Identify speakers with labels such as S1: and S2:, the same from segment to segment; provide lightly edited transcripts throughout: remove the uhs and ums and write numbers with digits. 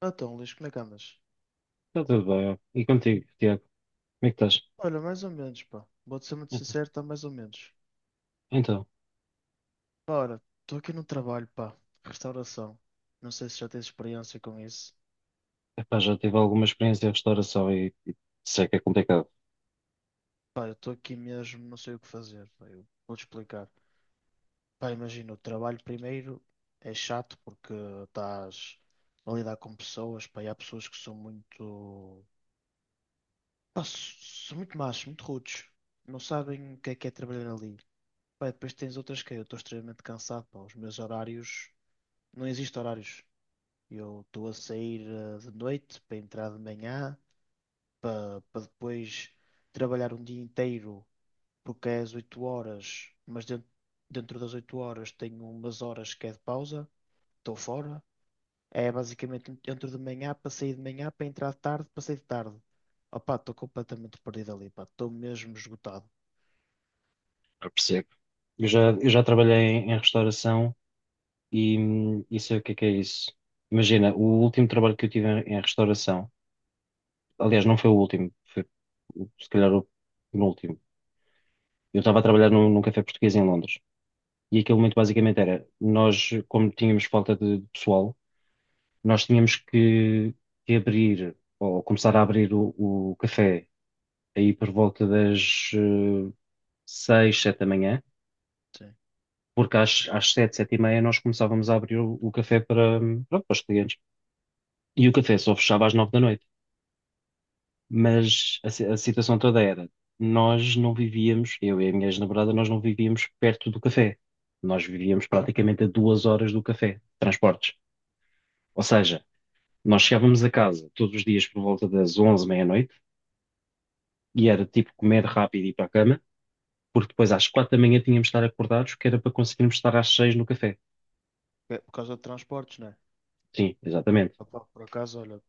S1: Então, Luís, como é que andas?
S2: Está tudo bem, ó. E contigo, Tiago? Como é que estás?
S1: Olha, mais ou menos, pá. Vou-te ser muito
S2: Então,
S1: sincero, está mais ou menos.
S2: então,
S1: Ora, estou aqui no trabalho, pá. Restauração. Não sei se já tens experiência com isso.
S2: epá, já tive alguma experiência em restauração e sei que é complicado.
S1: Pá, eu estou aqui mesmo, não sei o que fazer. Eu vou-te explicar. Pá, imagina, o trabalho primeiro é chato porque estás a lidar com pessoas, pá, e há pessoas que são muito... Pá, s- São muito machos, muito rudes. Não sabem o que é trabalhar ali. Pá, e depois tens outras que eu estou extremamente cansado, pá. Os meus horários... Não existe horários. Eu estou a sair de noite para entrar de manhã, para depois trabalhar um dia inteiro, porque é às 8 horas, mas dentro das 8 horas tenho umas horas que é de pausa, estou fora. É basicamente entro de manhã para sair de manhã, para entrar de tarde, para sair de tarde. Opá, estou completamente perdido ali, pá, estou mesmo esgotado.
S2: Eu percebo. Eu já trabalhei em restauração e sei o que é isso. Imagina, o último trabalho que eu tive em restauração, aliás, não foi o último, foi se calhar o penúltimo. Eu estava a trabalhar num café português em Londres e aquilo muito basicamente era, nós, como tínhamos falta de pessoal, nós tínhamos que abrir, ou começar a abrir o café aí por volta das seis, sete da manhã,
S1: Sim.
S2: porque às sete, sete e meia nós começávamos a abrir o café para, pronto, para os clientes. E o café só fechava às nove da noite. Mas a situação toda era, nós não vivíamos, eu e a minha ex-namorada, nós não vivíamos perto do café. Nós vivíamos praticamente a 2 horas do café, transportes. Ou seja, nós chegávamos a casa todos os dias por volta das onze, meia-noite, e era tipo comer rápido e ir para a cama, porque depois às quatro da manhã tínhamos de estar acordados, que era para conseguirmos estar às seis no café.
S1: É por causa de transportes, né?
S2: Sim, exatamente.
S1: Opá, por acaso, olha,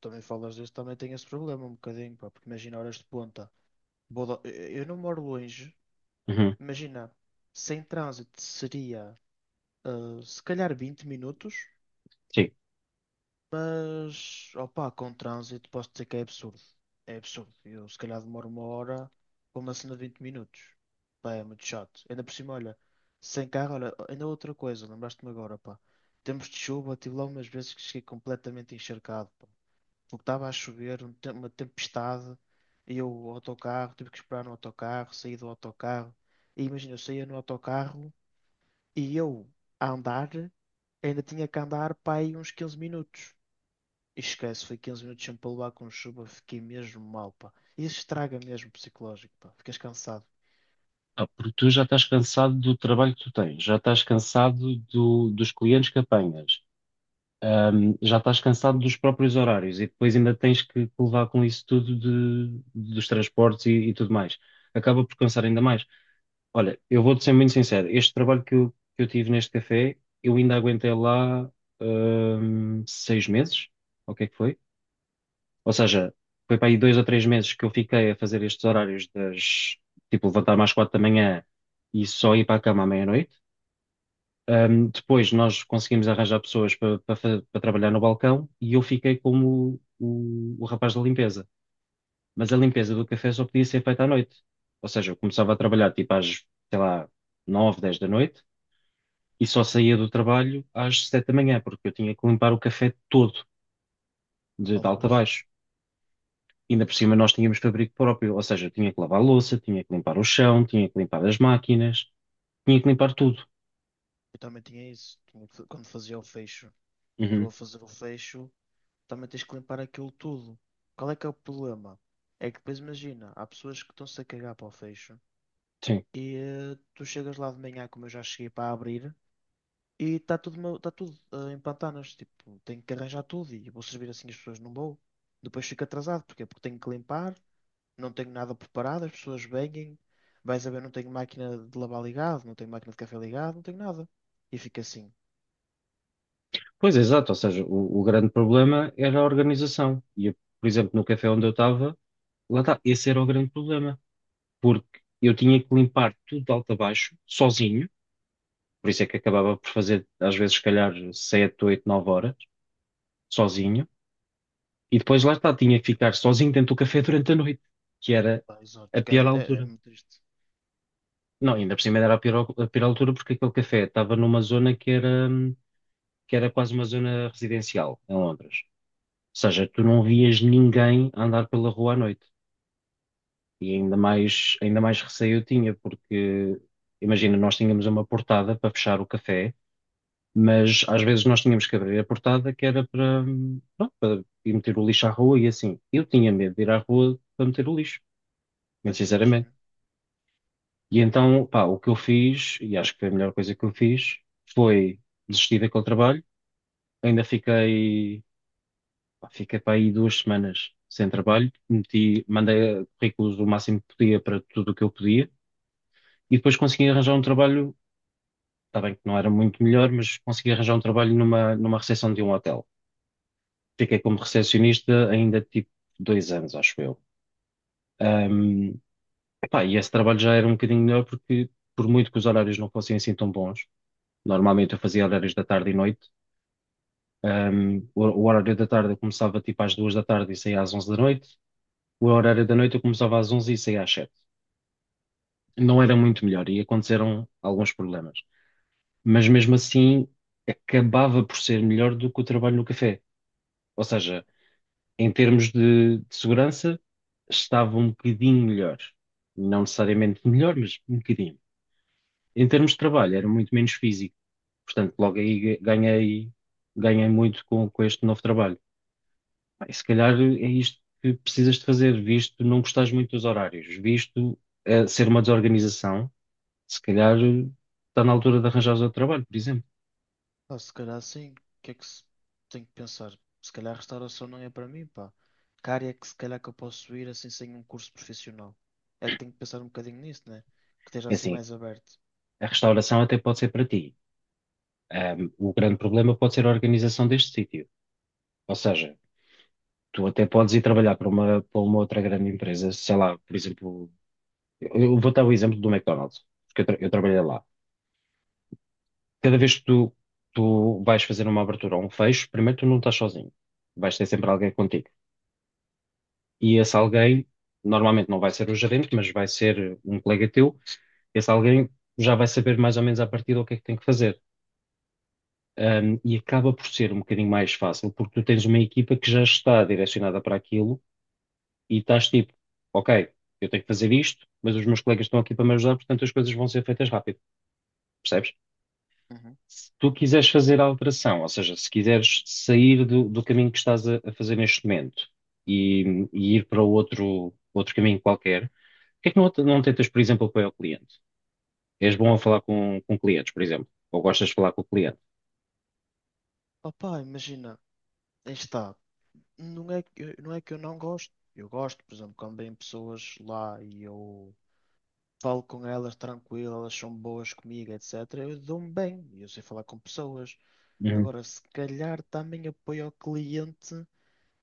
S1: também falas disso, também tenho esse problema um bocadinho, pá, porque imagina horas de ponta. Vou da- eu não moro longe.
S2: Uhum,
S1: Imagina, sem trânsito seria se calhar 20 minutos,
S2: sim.
S1: mas opa com trânsito posso dizer que é absurdo. É absurdo. Eu se calhar demoro uma hora para uma cena de 20 minutos. Pá, é muito chato. Ainda por cima, olha, sem carro, olha, ainda outra coisa, lembraste-me agora, pá. Tempos de chuva, tive lá umas vezes que cheguei completamente encharcado, pá. Porque estava a chover, uma tempestade, e eu, o autocarro, tive que esperar no autocarro, saí do autocarro. E imagina, eu saía no autocarro. E eu, a andar, ainda tinha que andar para aí uns 15 minutos. E esquece, foi 15 minutos sempre a levar com chuva, fiquei mesmo mal, pá. Isso estraga mesmo o psicológico, pá. Ficas cansado.
S2: Ah, porque tu já estás cansado do trabalho que tu tens, já estás cansado dos clientes que apanhas, já estás cansado dos próprios horários e depois ainda tens que levar com isso tudo dos transportes e tudo mais. Acaba por cansar ainda mais. Olha, eu vou-te ser muito sincero. Este trabalho que eu tive neste café, eu ainda aguentei lá, 6 meses. O que é que foi? Ou seja, foi para aí 2 ou 3 meses que eu fiquei a fazer estes horários das, tipo, levantar-me às quatro da manhã e só ir para a cama à meia-noite. Depois nós conseguimos arranjar pessoas para trabalhar no balcão e eu fiquei como o rapaz da limpeza. Mas a limpeza do café só podia ser feita à noite. Ou seja, eu começava a trabalhar tipo às, sei lá, nove dez da noite e só saía do trabalho às sete da manhã, porque eu tinha que limpar o café todo, de,
S1: Oh,
S2: de alto a
S1: pois.
S2: baixo. Ainda por cima nós tínhamos fabrico próprio, ou seja, eu tinha que lavar a louça, tinha que limpar o chão, tinha que limpar as máquinas, tinha que limpar tudo.
S1: Eu também tinha isso. Quando fazia o fecho, tu
S2: Uhum,
S1: a fazer o fecho, também tens que limpar aquilo tudo. Qual é que é o problema? É que depois imagina, há pessoas que estão-se a cagar para o fecho
S2: sim.
S1: e tu chegas lá de manhã, como eu já cheguei para abrir, e está tá tudo em pantanas. Tipo, tenho que arranjar tudo e vou servir assim as pessoas, não vou. Depois fico atrasado, porquê? Porque tenho que limpar, não tenho nada preparado, as pessoas vêm, vais a ver, não tenho máquina de lavar ligado, não tenho máquina de café ligado, não tenho nada. E fica assim.
S2: Pois, é exato, ou seja, o grande problema era a organização. E, eu, por exemplo, no café onde eu estava, lá está, esse era o grande problema, porque eu tinha que limpar tudo de alto a baixo, sozinho, por isso é que acabava por fazer, às vezes, se calhar, 7, 8, 9 horas, sozinho. E depois lá está, tinha que ficar sozinho dentro do café durante a noite, que era
S1: Pá,
S2: a
S1: exato,
S2: pior
S1: cara, é
S2: altura.
S1: muito triste.
S2: Não, ainda por cima era a pior altura porque aquele café estava numa zona que era quase uma zona residencial em Londres. Ou seja, tu não vias ninguém a andar pela rua à noite. E ainda mais receio eu tinha, porque imagina, nós tínhamos uma portada para fechar o café, mas às vezes nós tínhamos que abrir a portada que era para, pronto, para ir meter o lixo à rua e assim. Eu tinha medo de ir à rua para meter o lixo, muito
S1: Mas
S2: sinceramente.
S1: imagino.
S2: E então, pá, o que eu fiz, e acho que foi a melhor coisa que eu fiz, foi desistir daquele trabalho. Ainda fiquei, pá, fiquei para aí 2 semanas sem trabalho. Mandei currículos o máximo que podia para tudo o que eu podia. E depois consegui arranjar um trabalho, está bem que não era muito melhor, mas consegui arranjar um trabalho numa, numa recepção de um hotel. Fiquei como recepcionista ainda tipo 2 anos, acho eu. Ahm, pá, e esse trabalho já era um bocadinho melhor porque, por muito que os horários não fossem assim tão bons, normalmente eu fazia horários da tarde e noite. O horário da tarde eu começava tipo às duas da tarde e saía às onze da noite. O horário da noite eu começava às onze e saía às sete. Não era muito melhor e aconteceram alguns problemas. Mas mesmo assim acabava por ser melhor do que o trabalho no café. Ou seja, em termos de segurança, estava um bocadinho melhor. Não necessariamente melhor, mas um bocadinho. Em termos de trabalho, era muito menos físico. Portanto, logo aí ganhei, ganhei muito com este novo trabalho. Bem, se calhar é isto que precisas de fazer, visto não gostares muito dos horários, visto ser uma desorganização, se calhar está na altura de arranjares outro trabalho, por exemplo.
S1: Pá, se calhar sim, o que é que se... tenho que pensar? Se calhar a restauração não é para mim, pá. Que área é que se calhar que eu posso ir assim sem um curso profissional? É que tenho que pensar um bocadinho nisso, né? Que esteja
S2: É
S1: assim
S2: assim,
S1: mais aberto.
S2: a restauração até pode ser para ti. O grande problema pode ser a organização deste sítio. Ou seja, tu até podes ir trabalhar para uma outra grande empresa, sei lá, por exemplo, eu vou dar o exemplo do McDonald's, porque eu trabalhei lá. Cada vez que tu vais fazer uma abertura ou um fecho, primeiro tu não estás sozinho. Vais ter sempre alguém contigo. E esse alguém, normalmente não vai ser o gerente, mas vai ser um colega teu, esse alguém já vai saber mais ou menos à partida o que é que tem que fazer. E acaba por ser um bocadinho mais fácil, porque tu tens uma equipa que já está direcionada para aquilo e estás tipo, ok, eu tenho que fazer isto, mas os meus colegas estão aqui para me ajudar, portanto as coisas vão ser feitas rápido, percebes?
S1: Uhum.
S2: Se tu quiseres fazer a alteração, ou seja, se quiseres sair do caminho que estás a fazer neste momento e ir para outro caminho qualquer. Porquê que não tentas, por exemplo, apoiar o cliente? És bom a falar com clientes, por exemplo, ou gostas de falar com o cliente?
S1: Opá, imagina, aí está. Não é que eu não gosto. Eu gosto, por exemplo, quando vêm pessoas lá e eu falo com elas tranquilo, elas são boas comigo, etc. Eu dou-me bem e eu sei falar com pessoas.
S2: Uhum.
S1: Agora, se calhar também apoio ao cliente,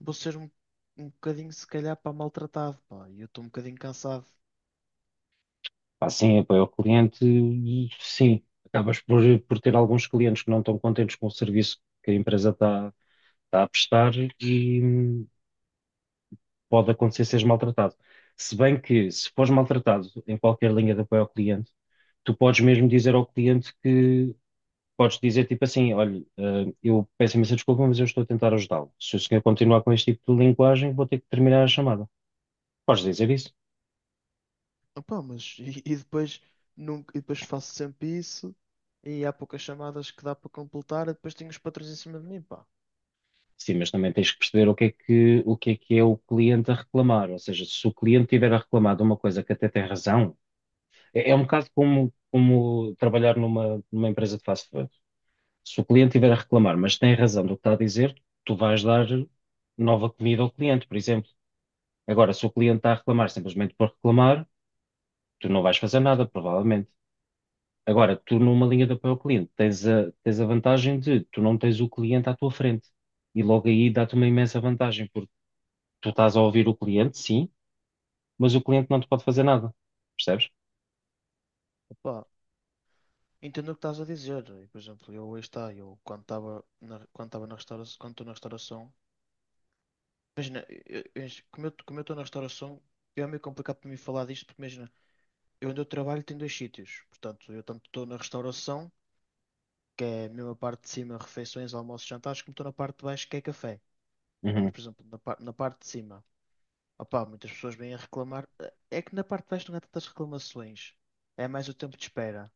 S1: vou ser um bocadinho, se calhar, para maltratado, pá. E eu estou um bocadinho cansado.
S2: Pá, sim, apoio ao cliente, sim. Acabas por ter alguns clientes que não estão contentes com o serviço que a empresa está a prestar e, pode acontecer seres maltratado. Se bem que, se fores maltratado em qualquer linha de apoio ao cliente, tu podes mesmo dizer ao cliente que, podes dizer tipo assim, olha, eu peço imensa desculpa, mas eu estou a tentar ajudá-lo. Se o senhor continuar com este tipo de linguagem, vou ter que terminar a chamada. Podes dizer isso.
S1: Opá, mas e depois, nunca, e depois faço sempre isso e há poucas chamadas que dá para completar e depois tenho os patrões em cima de mim, pá.
S2: Sim, mas também tens que perceber o que é que é o cliente a reclamar. Ou seja, se o cliente tiver a reclamar de uma coisa que até tem razão, é, é um bocado como, como trabalhar numa, numa empresa de fast food. Se o cliente tiver a reclamar, mas tem razão do que está a dizer, tu vais dar nova comida ao cliente, por exemplo. Agora, se o cliente está a reclamar simplesmente por reclamar, tu não vais fazer nada, provavelmente. Agora, tu numa linha de apoio ao cliente tens a vantagem de tu não tens o cliente à tua frente. E logo aí dá-te uma imensa vantagem, porque tu estás a ouvir o cliente, sim, mas o cliente não te pode fazer nada. Percebes?
S1: Opá. Entendo o que estás a dizer. E, por exemplo, eu aí está, eu quando estava na restauração, quando estou na restauração, imagina, como eu estou na restauração, é meio complicado para mim falar disto, porque imagina, eu onde eu trabalho tem dois sítios. Portanto, eu tanto estou na restauração, que é a mesma parte de cima, refeições, almoços, jantares, como estou na parte de baixo, que é café. Ah, mas,
S2: Uhum.
S1: por exemplo, na parte de cima, opá, muitas pessoas vêm a reclamar. Ah, é que na parte de baixo não há tantas reclamações. É mais o tempo de espera.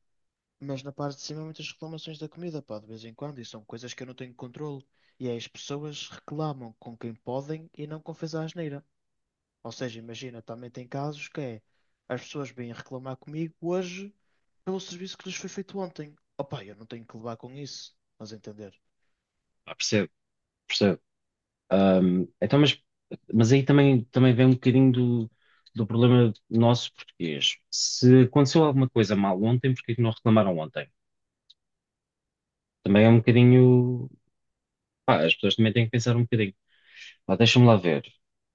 S1: Mas na parte de cima há muitas reclamações da comida, pá, de vez em quando, e são coisas que eu não tenho controle. E aí as pessoas reclamam com quem podem e não com quem fez a asneira. Ou seja, imagina, também tem casos que é as pessoas vêm reclamar comigo hoje pelo serviço que lhes foi feito ontem. Opá, eu não tenho que levar com isso, mas entender.
S2: Ah, percebo, percebo. Então, mas aí também vem um bocadinho do problema nosso português. Se aconteceu alguma coisa mal ontem, porque é que não reclamaram ontem? Também é um bocadinho. Pá, as pessoas também têm que pensar um bocadinho. Lá, deixa-me lá ver.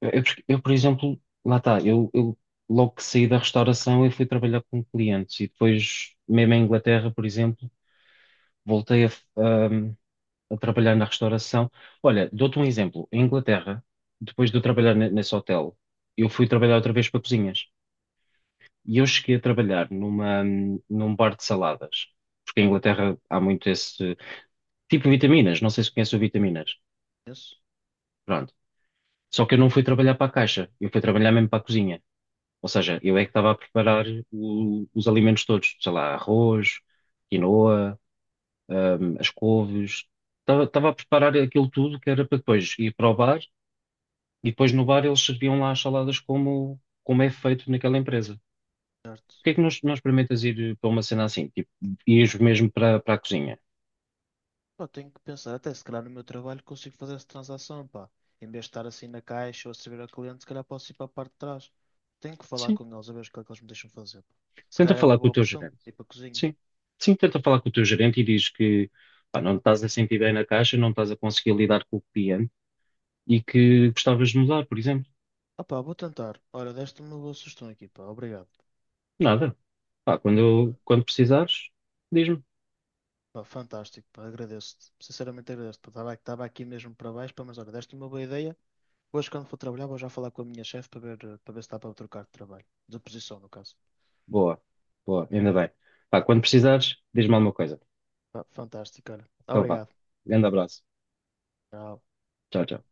S2: Eu, por exemplo, lá está, eu logo que saí da restauração eu fui trabalhar com clientes e depois, mesmo em Inglaterra, por exemplo, voltei a trabalhar na restauração. Olha, dou-te um exemplo. Em Inglaterra, depois de eu trabalhar nesse hotel, eu fui trabalhar outra vez para cozinhas. E eu cheguei a trabalhar num bar de saladas. Porque em Inglaterra há muito esse tipo de vitaminas. Não sei se conhece o vitaminas.
S1: Isso,
S2: Pronto. Só que eu não fui trabalhar para a caixa. Eu fui trabalhar mesmo para a cozinha. Ou seja, eu é que estava a preparar os alimentos todos. Sei lá, arroz, quinoa, as couves. Estava a preparar aquilo tudo que era para depois ir para o bar. E depois no bar eles serviam lá as saladas como é feito naquela empresa.
S1: certo?
S2: Porquê é que nós experimentas ir para uma cena assim? Tipo, ires mesmo para a cozinha?
S1: Pá, tenho que pensar, até se calhar no meu trabalho consigo fazer essa transação, pá. Em vez de estar assim na caixa ou a servir ao cliente, se calhar posso ir para a parte de trás. Tenho que falar
S2: Sim.
S1: com eles a ver o que é que eles me deixam fazer, pá. Se
S2: Tenta
S1: calhar é uma
S2: falar com
S1: boa
S2: o teu
S1: opção
S2: gerente.
S1: ir para a cozinha.
S2: Sim. Sim, tenta falar com o teu gerente e diz que pá, não te estás a sentir bem na caixa, não estás a conseguir lidar com o cliente e que gostavas de mudar, por exemplo.
S1: Ah, pá, vou tentar. Olha, deste-me uma boa sugestão aqui, pá. Obrigado.
S2: Nada. Pá, quando precisares, diz-me.
S1: Pá, fantástico, pá. Agradeço-te. Sinceramente agradeço-te, pá. Estava aqui mesmo para baixo, pá, mas olha, deste-me uma boa ideia. Hoje, quando for trabalhar, vou já falar com a minha chefe para ver, para ver se dá para eu trocar de trabalho. De posição, no caso.
S2: Boa. Boa, ainda bem. Pá, quando precisares, diz-me alguma coisa.
S1: Pá, fantástico, olha.
S2: Então vá.
S1: Obrigado.
S2: Grande abraço.
S1: Tchau.
S2: Tchau, tchau.